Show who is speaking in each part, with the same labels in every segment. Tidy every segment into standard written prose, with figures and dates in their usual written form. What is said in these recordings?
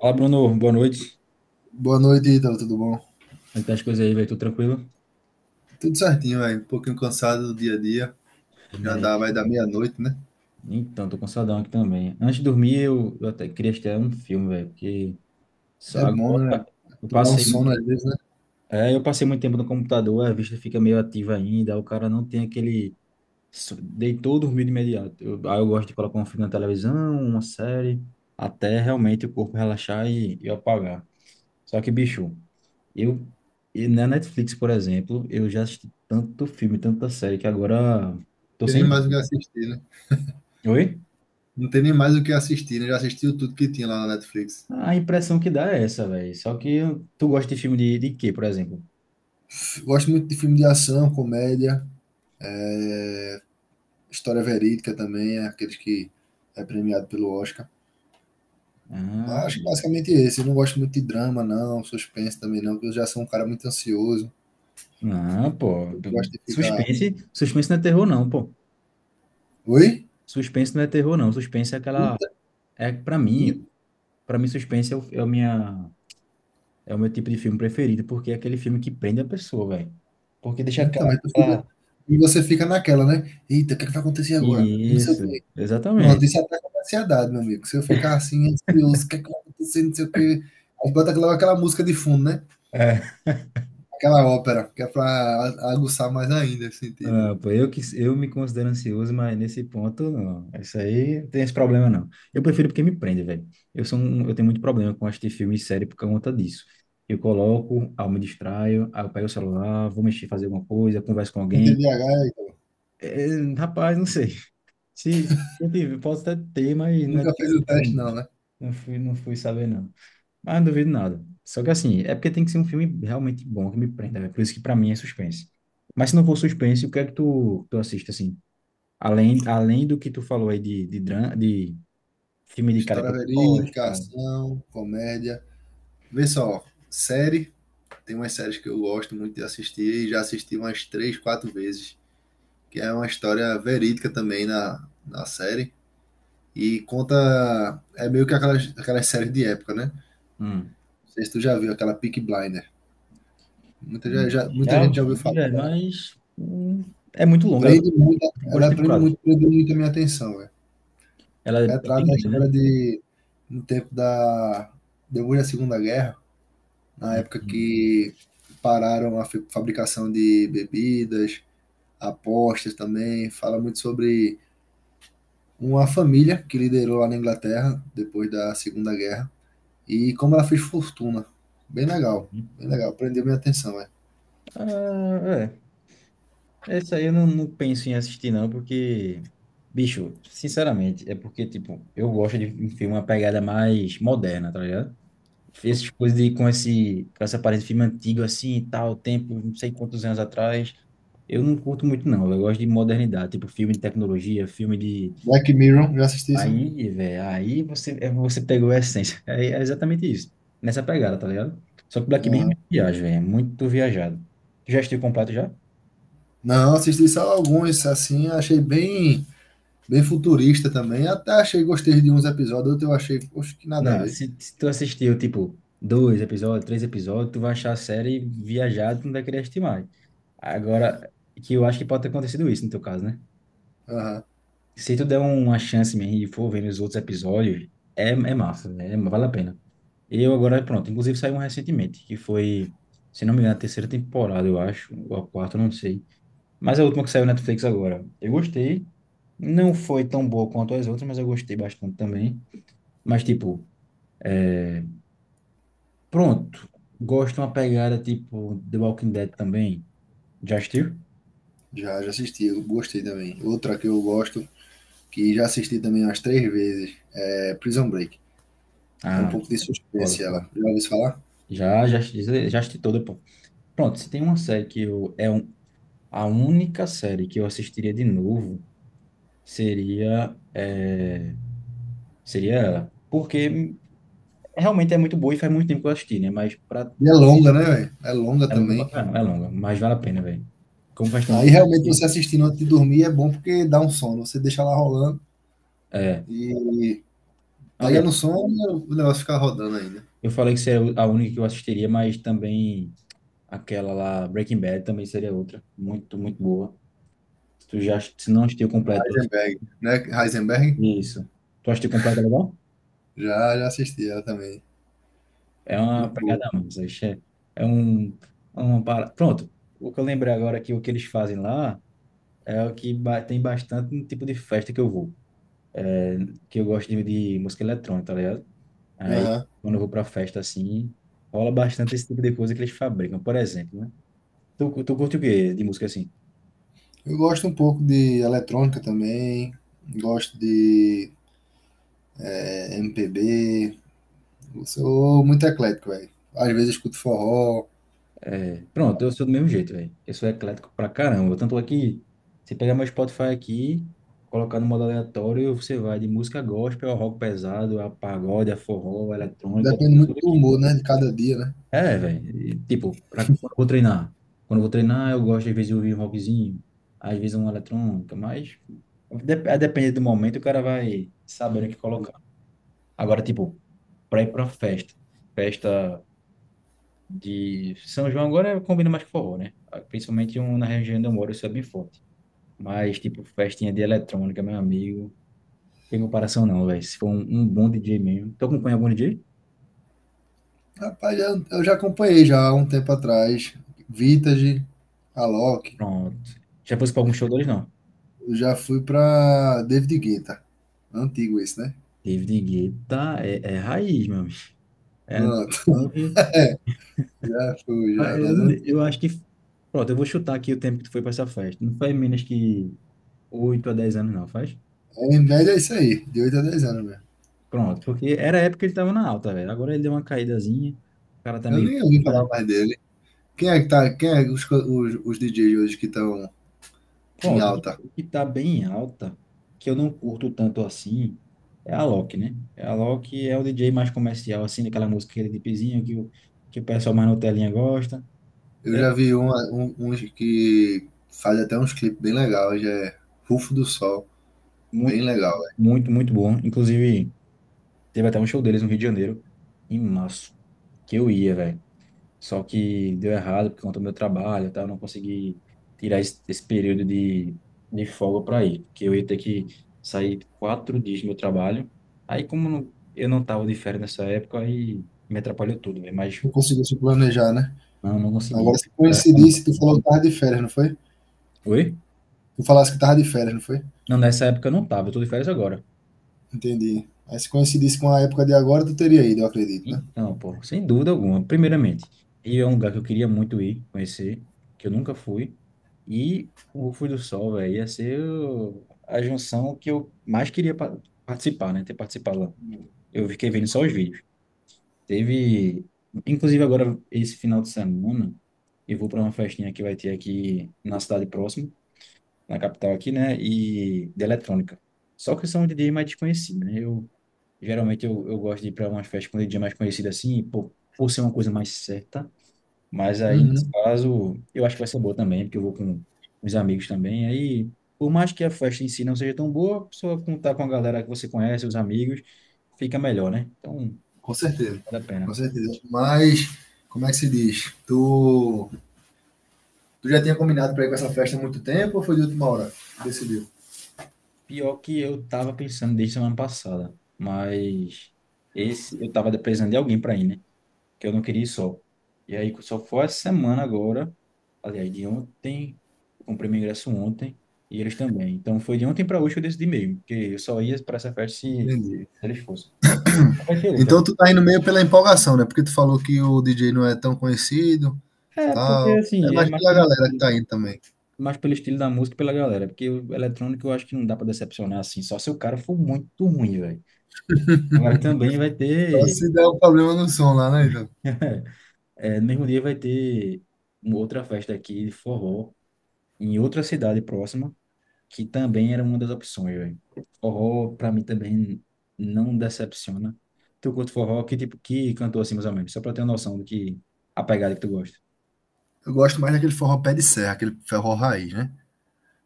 Speaker 1: Fala, Bruno. Boa noite.
Speaker 2: Boa noite, Ítalo, tudo bom?
Speaker 1: Como é que tá as coisas aí, velho? Tudo tranquilo?
Speaker 2: Tudo certinho, velho. Um pouquinho cansado do dia a dia. Já
Speaker 1: Né?
Speaker 2: dá, vai dar meia-noite, né?
Speaker 1: Então, tô cansadão aqui também. Antes de dormir, eu até queria assistir um filme, velho, porque só
Speaker 2: É bom, né?
Speaker 1: agora eu
Speaker 2: Pra dar um
Speaker 1: passei,
Speaker 2: sono às vezes, né?
Speaker 1: eu passei muito tempo no computador, a vista fica meio ativa ainda, o cara não tem aquele... Deitou, dormiu de imediato. Eu, aí eu gosto de colocar um filme na televisão, uma série, até realmente o corpo relaxar e apagar. Só que, bicho, Eu, e na Netflix, por exemplo, eu já assisti tanto filme, tanta série, que agora
Speaker 2: Não
Speaker 1: tô
Speaker 2: tem nem
Speaker 1: sem
Speaker 2: mais o que
Speaker 1: tempo.
Speaker 2: assistir, né?
Speaker 1: Oi?
Speaker 2: Não tem nem mais o que assistir, né? Já assistiu tudo que tinha lá na Netflix.
Speaker 1: A impressão que dá é essa, velho. Só que tu gosta de filme de quê, por exemplo?
Speaker 2: Gosto muito de filme de ação, comédia, história verídica também, é aqueles que premiado pelo Oscar. Mas
Speaker 1: Ah,
Speaker 2: acho que basicamente esse. Eu não gosto muito de drama, não, suspense também não, porque eu já sou um cara muito ansioso.
Speaker 1: não, pô.
Speaker 2: Eu gosto de ficar.
Speaker 1: Suspense não é terror, não, pô.
Speaker 2: Oi?
Speaker 1: Suspense não é terror, não. Suspense é aquela.
Speaker 2: Ita-
Speaker 1: É, pra mim, suspense é o meu tipo de filme preferido, porque é aquele filme que prende a pessoa, velho. Porque deixa aquela.
Speaker 2: Então, mas tu fica
Speaker 1: aquela-
Speaker 2: e você fica naquela, né: "Eita, o que é que vai acontecer agora?" E não sei o
Speaker 1: Isso,
Speaker 2: quê. Pronto,
Speaker 1: exatamente.
Speaker 2: isso ataca minha ansiedade, meu amigo. Se eu ficar assim ansioso, o que é que vai acontecer, não sei o quê. Aí bota logo aquela música de fundo, né,
Speaker 1: É.
Speaker 2: aquela ópera, que é pra a aguçar mais ainda esse sentido.
Speaker 1: Ah, pô, eu, que, eu me considero ansioso, mas nesse ponto, não. Isso aí não tem esse problema, não. Eu prefiro porque me prende, velho. Eu sou um, eu tenho muito problema com assistir filme e série por conta disso. Eu coloco, aí eu me distraio, aí eu pego o celular, vou mexer, fazer alguma coisa, converso com
Speaker 2: Tem
Speaker 1: alguém.
Speaker 2: TDAH,
Speaker 1: É, rapaz, não sei. Se, posso até ter, mas não é
Speaker 2: nunca fez o
Speaker 1: diversificado,
Speaker 2: teste não, né.
Speaker 1: Não fui, não fui saber, não. Mas não duvido nada. Só que assim, é porque tem que ser um filme realmente bom que me prenda, velho. Por isso que pra mim é suspense. Mas se não for suspense, o que é que tu assiste, assim? Além, além do que tu falou aí de, dra- de filme de cara.
Speaker 2: História
Speaker 1: Pois,
Speaker 2: verídica,
Speaker 1: cara,
Speaker 2: ação, comédia. Vê só, série, tem umas séries que eu gosto muito de assistir e já assisti umas 3, 4 vezes, que é uma história verídica também na série. E conta. É meio que aquelas, séries de época, né? Não
Speaker 1: Hum.
Speaker 2: sei se tu já viu aquela Peaky Blinder. Muita, muita
Speaker 1: Já
Speaker 2: gente já ouviu
Speaker 1: vi,
Speaker 2: falar
Speaker 1: velho,
Speaker 2: dela.
Speaker 1: mas é muito longa, ela
Speaker 2: Prende muito,
Speaker 1: tem quantas temporadas?
Speaker 2: prendeu muito a minha atenção, velho.
Speaker 1: Ela é bem
Speaker 2: Retrata a
Speaker 1: grande, né?
Speaker 2: história de no tempo da depois da Segunda Guerra, na época
Speaker 1: Hum,
Speaker 2: que pararam a fabricação de bebidas, apostas também. Fala muito sobre uma família que liderou lá na Inglaterra depois da Segunda Guerra e como ela fez fortuna. Bem legal,
Speaker 1: hum,
Speaker 2: bem legal. Prendeu minha atenção, é.
Speaker 1: ah, é. Essa aí eu não penso em assistir, não, porque, bicho, sinceramente, é porque, tipo, eu gosto de um filme, uma pegada mais moderna, tá ligado? Fez essas coisas de, com essa aparência de filme antigo assim e tal, tempo, não sei quantos anos atrás. Eu não curto muito, não. Eu gosto de modernidade, tipo filme de tecnologia, filme de.
Speaker 2: Black Mirror, já assisti esse?
Speaker 1: Aí, velho, aí você, você pegou a essência. É, é exatamente isso. Nessa pegada, tá ligado? Só que Black Mirror é
Speaker 2: Aham.
Speaker 1: muito viagem, velho. É muito viajado. Tu já assistiu completo já?
Speaker 2: Não, assisti só alguns, assim, achei bem, bem futurista também. Até achei, gostei de uns episódios, outros eu achei, poxa, que nada a
Speaker 1: Não,
Speaker 2: ver.
Speaker 1: se tu assistiu, tipo, dois episódios, três episódios, tu vai achar a série viajada, tu não vai querer assistir mais. Agora, que eu acho que pode ter acontecido isso no teu caso, né?
Speaker 2: Aham.
Speaker 1: Se tu der uma chance mesmo e for vendo os outros episódios, é massa, né? É, vale a pena. Eu agora, pronto, inclusive saiu um recentemente, que foi, se não me engano, a terceira temporada, eu acho, ou a quarta, não sei. Mas é a última que saiu na Netflix agora. Eu gostei, não foi tão boa quanto as outras, mas eu gostei bastante também. Mas, tipo, pronto, gosto de uma pegada tipo The Walking Dead também. Já assistiu?
Speaker 2: Já, já assisti, eu gostei também. Outra que eu gosto, que já assisti também umas três vezes, é Prison Break. É um
Speaker 1: Ah,
Speaker 2: pouco de
Speaker 1: foda,
Speaker 2: suspense ela.
Speaker 1: foda.
Speaker 2: Já ouviu falar?
Speaker 1: Já, já, já assisti toda, pô. Pronto, se tem uma série que eu, é um, a única série que eu assistiria de novo seria é, seria ela. Porque realmente é muito boa e faz muito tempo que eu assisti, né? Mas pra...
Speaker 2: E é longa, né, velho? É longa
Speaker 1: é longa pra
Speaker 2: também.
Speaker 1: caramba, é longa, mas vale a pena, velho. Como faz tempo que
Speaker 2: Aí
Speaker 1: eu
Speaker 2: realmente você
Speaker 1: assisti.
Speaker 2: assistindo antes de dormir é bom porque dá um sono. Você deixa ela rolando.
Speaker 1: É.
Speaker 2: E pega
Speaker 1: Aliás,
Speaker 2: no som e o negócio fica rodando ainda.
Speaker 1: eu falei que seria a única que eu assistiria, mas também aquela lá, Breaking Bad, também seria outra. Muito, muito boa. Se tu já se não assistiu completo,
Speaker 2: Heisenberg, né? Heisenberg?
Speaker 1: isso. Tu assistiu completo legal?
Speaker 2: Já, já assisti ela também.
Speaker 1: É uma
Speaker 2: Muito boa.
Speaker 1: pegada a mais. Isso é, é um, é uma para... Pronto, o que eu lembrei agora que o que eles fazem lá é o que tem bastante no tipo de festa que eu vou, que eu gosto de música eletrônica, tá ligado? Aí,
Speaker 2: Aham.
Speaker 1: quando eu vou pra festa assim, rola bastante esse tipo de coisa que eles fabricam, por exemplo, né? Tu curte o quê de música assim?
Speaker 2: Eu gosto um pouco de eletrônica também. Gosto de MPB. Eu sou muito eclético, velho. Às vezes eu escuto forró.
Speaker 1: É, pronto, eu sou do mesmo jeito, velho. Eu sou eclético pra caramba. Tanto é que você pegar meu Spotify aqui, colocar no modo aleatório, você vai de música gospel ao rock pesado, a pagode, a forró, a eletrônica,
Speaker 2: Depende muito
Speaker 1: tudo
Speaker 2: do
Speaker 1: aqui.
Speaker 2: humor, né? De cada dia, né?
Speaker 1: É, velho. Tipo, pra, quando eu vou treinar. Quando eu vou treinar, eu gosto às vezes de ouvir um rockzinho, às vezes uma eletrônica, mas a depender do momento, o cara vai sabendo o que colocar. Agora, tipo, pra ir pra festa. Festa de São João agora combina mais com forró, né? Principalmente um, na região onde eu moro, isso é bem forte. Mas, tipo, festinha de eletrônica, meu amigo, tem comparação não, velho. Se for um, um bom DJ mesmo. Tu acompanha algum DJ?
Speaker 2: Rapaz, eu já acompanhei já há um tempo atrás. Vintage, Alok.
Speaker 1: Pronto. Já fosse pra algum show deles, não?
Speaker 2: Eu já fui pra David Guetta. Antigo esse, né?
Speaker 1: David Guetta é, é raiz, meu amigo. É,
Speaker 2: Ah,
Speaker 1: então,
Speaker 2: já fui,
Speaker 1: ah, é,
Speaker 2: já,
Speaker 1: eu,
Speaker 2: nas antigas.
Speaker 1: eu acho que... Pronto, eu vou chutar aqui o tempo que tu foi pra essa festa. Não faz menos que 8 a 10 anos, não, faz?
Speaker 2: Em média é isso aí, de 8 a 10 anos mesmo.
Speaker 1: Pronto, porque era a época que ele tava na alta, velho. Agora ele deu uma caídazinha, o cara tá
Speaker 2: Eu
Speaker 1: meio...
Speaker 2: nem ouvi falar
Speaker 1: né?
Speaker 2: mais dele. Quem é que tá? Quem é os, DJs hoje que estão em
Speaker 1: Pronto,
Speaker 2: alta?
Speaker 1: o que está bem alta, que eu não curto tanto assim, é a Loki, né? A Loki é o DJ mais comercial, assim, daquela música aquele pizinho que o pessoal mais no telinha gosta.
Speaker 2: Eu
Speaker 1: É
Speaker 2: já vi uns que faz até uns clipes bem legais, já é Rufo do Sol, bem
Speaker 1: muito,
Speaker 2: legal, velho.
Speaker 1: muito, muito bom. Inclusive, teve até um show deles no Rio de Janeiro, em março, que eu ia, velho. Só que deu errado por conta do meu trabalho, tá, eu não consegui tirar esse, esse período de folga para ir, porque eu ia ter que sair quatro dias do meu trabalho. Aí, como não- eu não tava de férias nessa época, aí me atrapalhou tudo, né? Mas
Speaker 2: Não conseguiu se planejar, né?
Speaker 1: não, não consegui.
Speaker 2: Agora se
Speaker 1: É, é-
Speaker 2: coincidisse, tu falou que tava de férias, não foi?
Speaker 1: Oi?
Speaker 2: Tu falasse que tava de férias, não foi?
Speaker 1: Não, nessa época eu não tava. Eu estou de férias agora.
Speaker 2: Entendi. Aí se coincidisse com a época de agora, tu teria ido, eu acredito, né?
Speaker 1: Então, pô, sem dúvida alguma. Primeiramente, Rio é um lugar que eu queria muito ir, conhecer, que eu nunca fui. E o Rufo do Sol, velho, ia ser a junção que eu mais queria participar, né? Ter participado lá. Eu fiquei vendo só os vídeos. Teve, inclusive agora, esse final de semana, eu vou para uma festinha que vai ter aqui na cidade próxima, na capital aqui, né? E de eletrônica. Só que são um DJ mais desconhecido, né? Eu geralmente eu gosto de ir para umas festas com dia mais conhecido assim, por ser uma coisa mais certa. Mas aí, nesse
Speaker 2: Uhum.
Speaker 1: caso, eu acho que vai ser boa também, porque eu vou com os amigos também. Aí, por mais que a festa em si não seja tão boa, só contar com a galera que você conhece, os amigos, fica melhor, né? Então,
Speaker 2: Com certeza,
Speaker 1: vale a pena.
Speaker 2: com certeza. Mas, como é que se diz? Tu já tinha combinado para ir com essa festa há muito tempo ou foi de última hora? Que Decidiu.
Speaker 1: Pior que eu tava pensando desde semana passada, mas esse eu tava precisando de alguém para ir, né? Que eu não queria ir só. E aí só foi essa semana agora, aliás, de ontem, eu comprei meu ingresso ontem, e eles também. Então foi de ontem para hoje que eu decidi mesmo, porque eu só ia para essa festa se
Speaker 2: Entendi.
Speaker 1: eles fossem. Vai ter outra.
Speaker 2: Então tu tá indo meio pela empolgação, né? Porque tu falou que o DJ não é tão conhecido,
Speaker 1: É, porque
Speaker 2: tal. É
Speaker 1: assim, é
Speaker 2: mais pela galera que tá indo também.
Speaker 1: mais pelo estilo da música e pela galera, porque o eletrônico eu acho que não dá para decepcionar assim, só se o cara for muito ruim, velho. Agora também vai
Speaker 2: Só
Speaker 1: ter,
Speaker 2: se der um problema no som lá, né, então?
Speaker 1: é, no mesmo dia vai ter uma outra festa aqui de forró, em outra cidade próxima, que também era uma das opções, velho. Forró, pra mim, também não decepciona. Tu curte forró? Que tipo, que cantor assim, mais ou menos? Só pra eu ter uma noção do que, a pegada que tu gosta.
Speaker 2: Eu gosto mais daquele forró pé de serra, aquele forró raiz, né?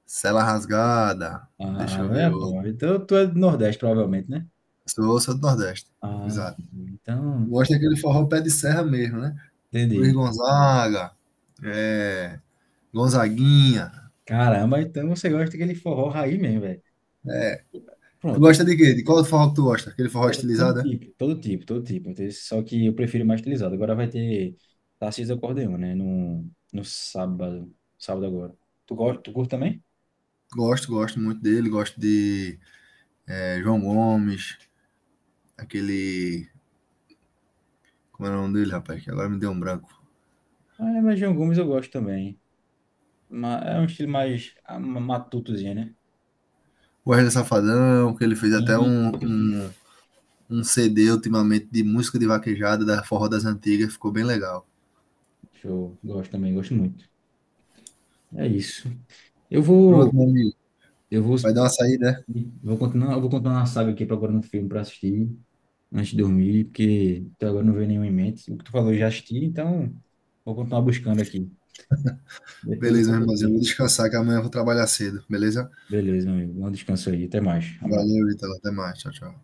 Speaker 2: Sela rasgada. Deixa
Speaker 1: Ah,
Speaker 2: eu ver
Speaker 1: é,
Speaker 2: outro.
Speaker 1: pô. Então, tu é do Nordeste, provavelmente, né?
Speaker 2: Sou, sou do Nordeste.
Speaker 1: Ah,
Speaker 2: Exato. Eu
Speaker 1: então,
Speaker 2: gosto daquele forró pé de serra mesmo, né? Luiz
Speaker 1: entendi.
Speaker 2: Gonzaga, é, Gonzaguinha.
Speaker 1: Caramba, então você gosta daquele forró raiz mesmo, velho.
Speaker 2: Tu
Speaker 1: Pronto,
Speaker 2: gosta de quê? De qual forró que tu gosta? Aquele forró
Speaker 1: todo
Speaker 2: estilizado, é?
Speaker 1: tipo, todo tipo, todo tipo. Só que eu prefiro mais utilizado. Agora vai ter Tarcísio do Acordeon, né? No, no sábado, sábado agora. Tu gosta, tu curte também?
Speaker 2: Gosto, gosto muito dele. Gosto de João Gomes, aquele. Como era o nome dele, rapaz? Que agora me deu um branco.
Speaker 1: Ah, mas João Gomes eu gosto também. É um estilo mais ah, matutozinho, né?
Speaker 2: O Wesley Safadão, que ele fez até
Speaker 1: Sim.
Speaker 2: um CD ultimamente de música de vaquejada da Forró das Antigas. Ficou bem legal.
Speaker 1: Show. Gosto também, gosto muito. É isso. Eu
Speaker 2: Pronto,
Speaker 1: vou,
Speaker 2: meu amigo.
Speaker 1: eu vou,
Speaker 2: Vai dar uma saída, né?
Speaker 1: vou continuar, eu vou continuar na saga aqui procurando um filme para assistir antes de dormir, porque até agora não veio nenhum em mente. O que tu falou eu já assisti, então vou continuar buscando aqui. Depois eu
Speaker 2: Beleza,
Speaker 1: vou
Speaker 2: meu irmãozinho. Vou
Speaker 1: dormir.
Speaker 2: descansar que amanhã eu vou trabalhar cedo, beleza?
Speaker 1: Beleza, meu amigo. Um descanso aí. Até mais. Abraço.
Speaker 2: Valeu, Vitor. Até mais. Tchau, tchau.